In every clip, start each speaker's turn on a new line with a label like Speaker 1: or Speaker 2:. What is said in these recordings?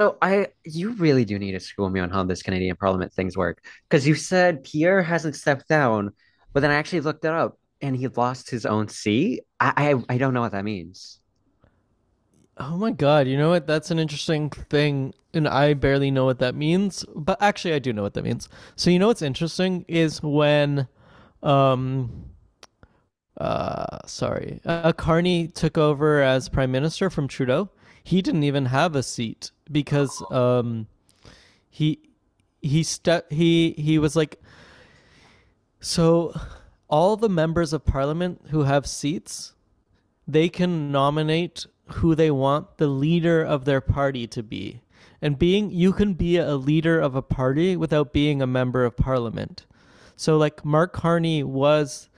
Speaker 1: You really do need to school me on how this Canadian Parliament things work, because you said Pierre hasn't stepped down, but then I actually looked it up and he lost his own seat. I don't know what that means.
Speaker 2: Oh my god, you know what? That's an interesting thing, and I barely know what that means. But actually, I do know what that means. So you know what's interesting is when, um, sorry, Carney took over as prime minister from Trudeau. He didn't even have a seat because he he stu- he was like so all the members of parliament who have seats, they can nominate who they want the leader of their party to be. And being you can be a leader of a party without being a member of parliament. So like Mark Carney was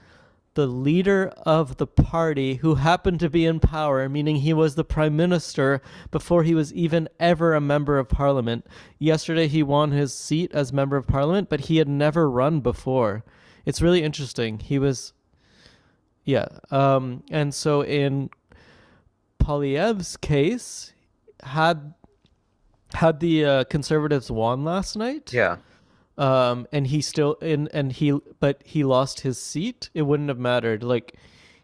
Speaker 2: the leader of the party who happened to be in power, meaning he was the prime minister before he was even ever a member of parliament. Yesterday he won his seat as member of parliament, but he had never run before. It's really interesting. He was Yeah. And so in Polyev's case, had had the conservatives won last night.
Speaker 1: Yeah.
Speaker 2: And he but He lost his seat. It wouldn't have mattered. Like,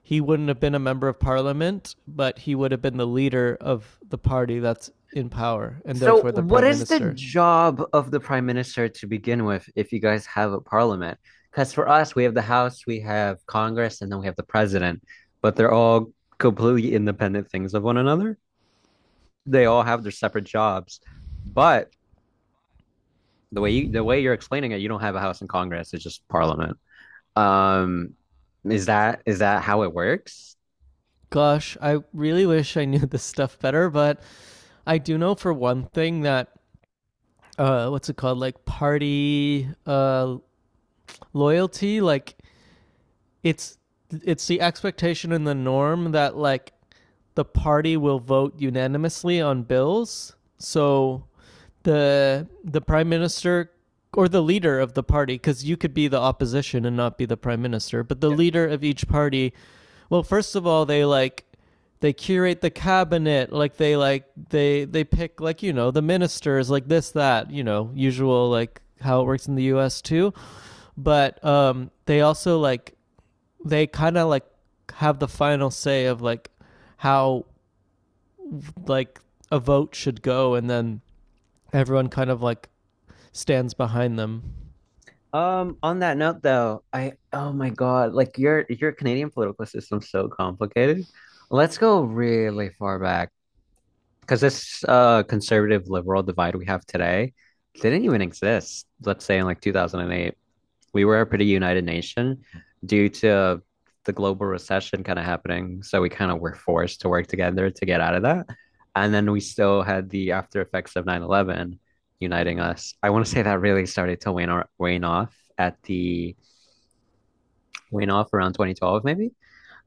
Speaker 2: he wouldn't have been a member of parliament, but he would have been the leader of the party that's in power and
Speaker 1: So
Speaker 2: therefore the
Speaker 1: what
Speaker 2: prime
Speaker 1: is the
Speaker 2: minister.
Speaker 1: job of the prime minister to begin with if you guys have a parliament? Because for us, we have the House, we have Congress, and then we have the president, but they're all completely independent things of one another. They all have their separate jobs, but the way you're explaining it, you don't have a house in Congress. It's just Parliament. Um, is that how it works?
Speaker 2: Gosh, I really wish I knew this stuff better, but I do know for one thing that, what's it called? Like, party loyalty, like, it's it's the expectation and the norm that like the party will vote unanimously on bills. So the prime minister, or the leader of the party, because you could be the opposition and not be the prime minister but the leader of each party. Well, first of all, they like, they curate the cabinet, like, they like they pick, like, the ministers, like this, that, usual, like how it works in the US too. But they also, like, they kind of like have the final say of, like, how, like, a vote should go, and then everyone kind of like stands behind them.
Speaker 1: On that note though, I oh my God, like your Canadian political system's so complicated. Let's go really far back because this conservative liberal divide we have today didn't even exist, let's say in like 2008. We were a pretty united nation due to the global recession kind of happening. So we kind of were forced to work together to get out of that. And then we still had the after effects of 9/11 uniting us. I want to say that really started to wane, or, wane off at the wane off around 2012, maybe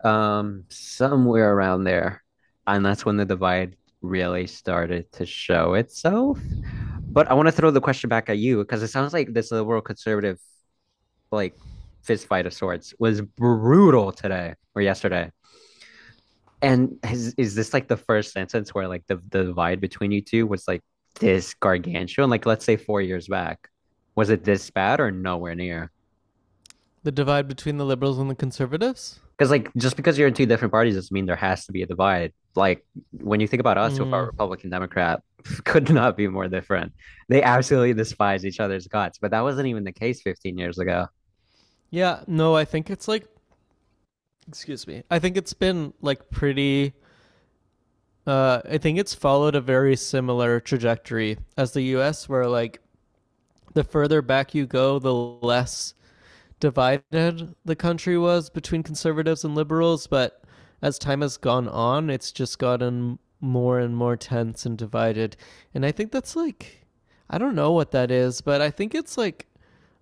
Speaker 1: somewhere around there. And that's when the divide really started to show itself. But I want to throw the question back at you because it sounds like this liberal conservative, like, fist fight of sorts was brutal today or yesterday. And is this like the first sentence where like the divide between you two was like this gargantuan? Like let's say 4 years back, was it this bad or nowhere near?
Speaker 2: The divide between the liberals and the conservatives.
Speaker 1: Because like just because you're in two different parties doesn't mean there has to be a divide. Like when you think about us so far,
Speaker 2: Mm.
Speaker 1: Republican Democrat could not be more different. They absolutely despise each other's guts, but that wasn't even the case 15 years ago.
Speaker 2: Yeah, no, I think it's like, excuse me, I think it's been like pretty, I think it's followed a very similar trajectory as the US, where like, the further back you go, the less divided the country was between conservatives and liberals. But as time has gone on, it's just gotten more and more tense and divided. And I think that's like, I don't know what that is, but I think it's like,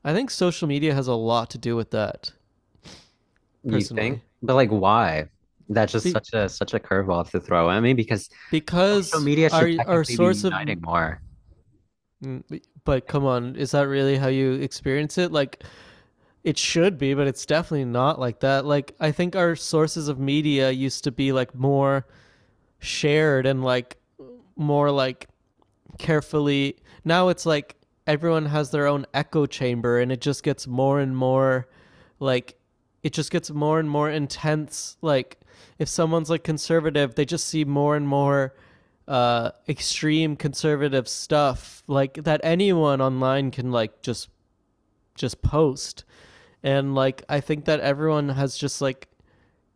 Speaker 2: I think social media has a lot to do with that,
Speaker 1: You think?
Speaker 2: personally.
Speaker 1: But like why? That's just
Speaker 2: Be-
Speaker 1: such a such a curveball to throw at me because social
Speaker 2: because
Speaker 1: media
Speaker 2: our
Speaker 1: should
Speaker 2: our
Speaker 1: technically be
Speaker 2: source of.
Speaker 1: uniting more.
Speaker 2: But come on, is that really how you experience it? Like, it should be, but it's definitely not like that. Like, I think our sources of media used to be, like, more shared, and, like, more, like, carefully. Now it's like, everyone has their own echo chamber, and it just gets more and more, like, it just gets more and more intense. Like, if someone's like conservative, they just see more and more extreme conservative stuff, like that anyone online can, like, just post. And like, I think that everyone has just like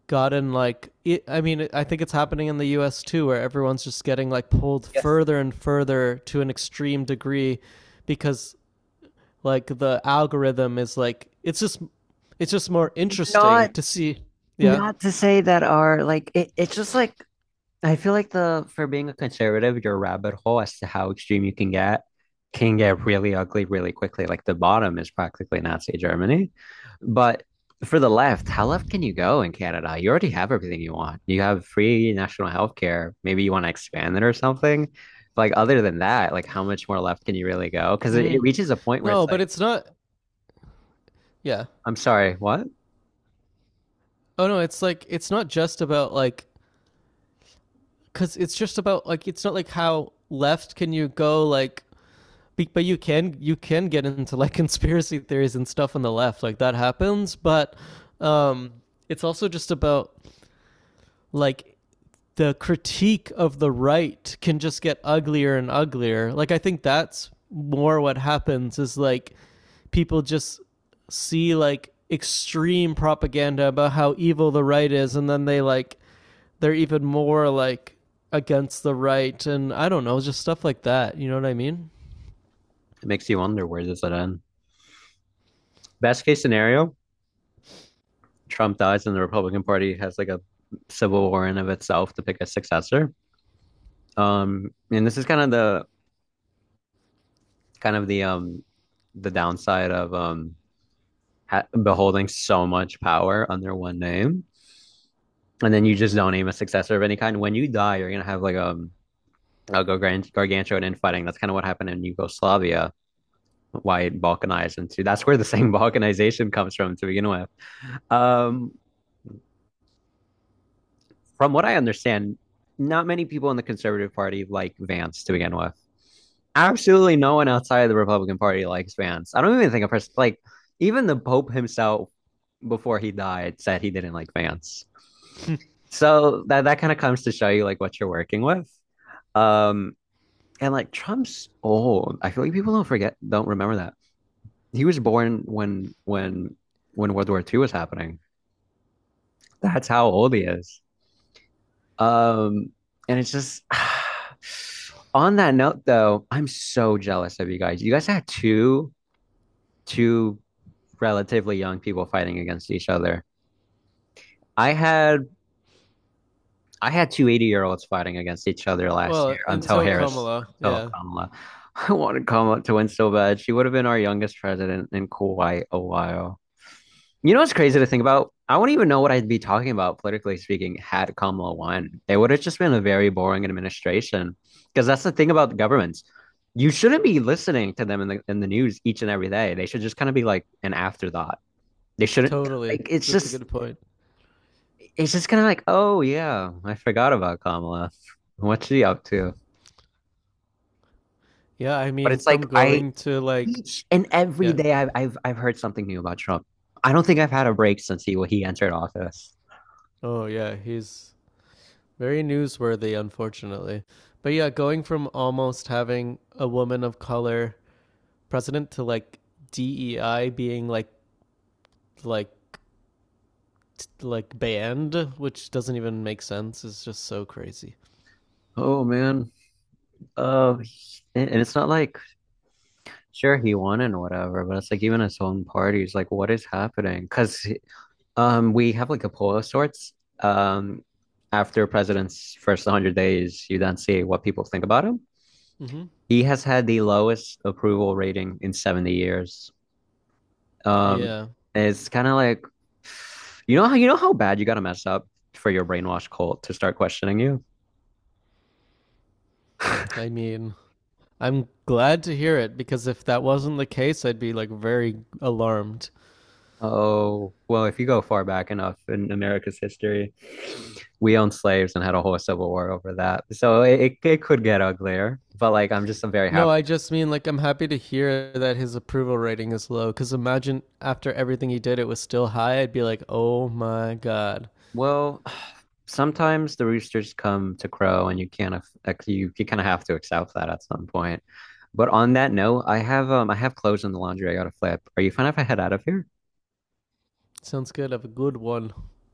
Speaker 2: gotten, like, it, I mean, I think it's happening in the US too, where everyone's just getting, like, pulled
Speaker 1: Yes.
Speaker 2: further and further to an extreme degree. Because, like, the algorithm is, like, it's just more interesting
Speaker 1: Not
Speaker 2: to see. Yeah.
Speaker 1: not to say that our like it's just like I feel like the for being a conservative, your rabbit hole as to how extreme you can get really ugly really quickly. Like the bottom is practically Nazi Germany. But for the left, how left can you go in Canada? You already have everything you want. You have free national health care. Maybe you want to expand it or something. Like other than that, like how much more left can you really go? Because it
Speaker 2: Mm.
Speaker 1: reaches a point where
Speaker 2: No,
Speaker 1: it's
Speaker 2: but
Speaker 1: like,
Speaker 2: it's not. Yeah.
Speaker 1: I'm sorry, what?
Speaker 2: Oh no, it's like, it's not just about, like, because it's just about, like, it's not like how left can you go, like. But you can get into, like, conspiracy theories and stuff on the left, like, that happens. But um it's also just about, like, the critique of the right can just get uglier and uglier. Like, I think that's more what happens is, like, people just see, like, extreme propaganda about how evil the right is, and then they, like, they're even more like against the right, and I don't know, just stuff like that, you know what I mean?
Speaker 1: It makes you wonder, where does it end? Best case scenario, Trump dies and the Republican Party has like a civil war in of itself to pick a successor. And this is kind of the downside of beholding so much power under one name, and then you just don't name a successor of any kind. When you die, you're gonna have like a gargantuan infighting. That's kind of what happened in Yugoslavia. Why it balkanized into that's where the same balkanization comes from to begin with. Um, from what I understand, not many people in the Conservative Party like Vance to begin with. Absolutely no one outside of the Republican Party likes Vance. I don't even think a person like even the Pope himself before he died said he didn't like Vance. So that kind of comes to show you like what you're working with. Um and like Trump's old. I feel like people don't remember that. He was born when World War II was happening. That's how old he is. Um and it's just on that note though, I'm so jealous of you guys. You guys had two relatively young people fighting against each other. I had I had 280 year olds fighting against each other last year
Speaker 2: Well,
Speaker 1: until
Speaker 2: until
Speaker 1: Harris
Speaker 2: Kamala,
Speaker 1: until
Speaker 2: yeah.
Speaker 1: Kamala. I wanted Kamala to win so bad. She would have been our youngest president in quite a while. You know what's crazy to think about? I wouldn't even know what I'd be talking about politically speaking had Kamala won. It would have just been a very boring administration because that's the thing about the governments. You shouldn't be listening to them in the news each and every day. They should just kind of be like an afterthought. They shouldn't,
Speaker 2: Totally.
Speaker 1: like,
Speaker 2: That's a good point.
Speaker 1: it's just kind of like, oh yeah, I forgot about Kamala. What's she up to?
Speaker 2: Yeah, I
Speaker 1: But
Speaker 2: mean,
Speaker 1: it's like
Speaker 2: from
Speaker 1: I
Speaker 2: going to, like,
Speaker 1: each and every
Speaker 2: yeah.
Speaker 1: day I've heard something new about Trump. I don't think I've had a break since he entered office.
Speaker 2: Oh, yeah, he's very newsworthy, unfortunately. But yeah, going from almost having a woman of color president to, like, DEI being like, like, banned, which doesn't even make sense, is just so crazy.
Speaker 1: Oh man. And it's not like, sure, he won and whatever, but it's like even his own parties, like what is happening? Because we have like a poll of sorts. Um, after a president's first 100 days, you then see what people think about him.
Speaker 2: Mm-hmm.
Speaker 1: He has had the lowest approval rating in 70 years. Um,
Speaker 2: Yeah,
Speaker 1: it's kind of like how you know how bad you got to mess up for your brainwash cult to start questioning you.
Speaker 2: I mean, I'm glad to hear it because if that wasn't the case, I'd be, like, very alarmed.
Speaker 1: Oh, well, if you go far back enough in America's history, we owned slaves and had a whole civil war over that. So it could get uglier, but like I'm very
Speaker 2: No,
Speaker 1: happy.
Speaker 2: I just mean like I'm happy to hear that his approval rating is low. Because imagine after everything he did, it was still high. I'd be like, oh my god.
Speaker 1: Well, sometimes the roosters come to crow and you can't you kind of have to accept that at some point. But on that note, I have clothes in the laundry I gotta flip. Are you fine if I head out of here?
Speaker 2: Sounds good. Have a good one.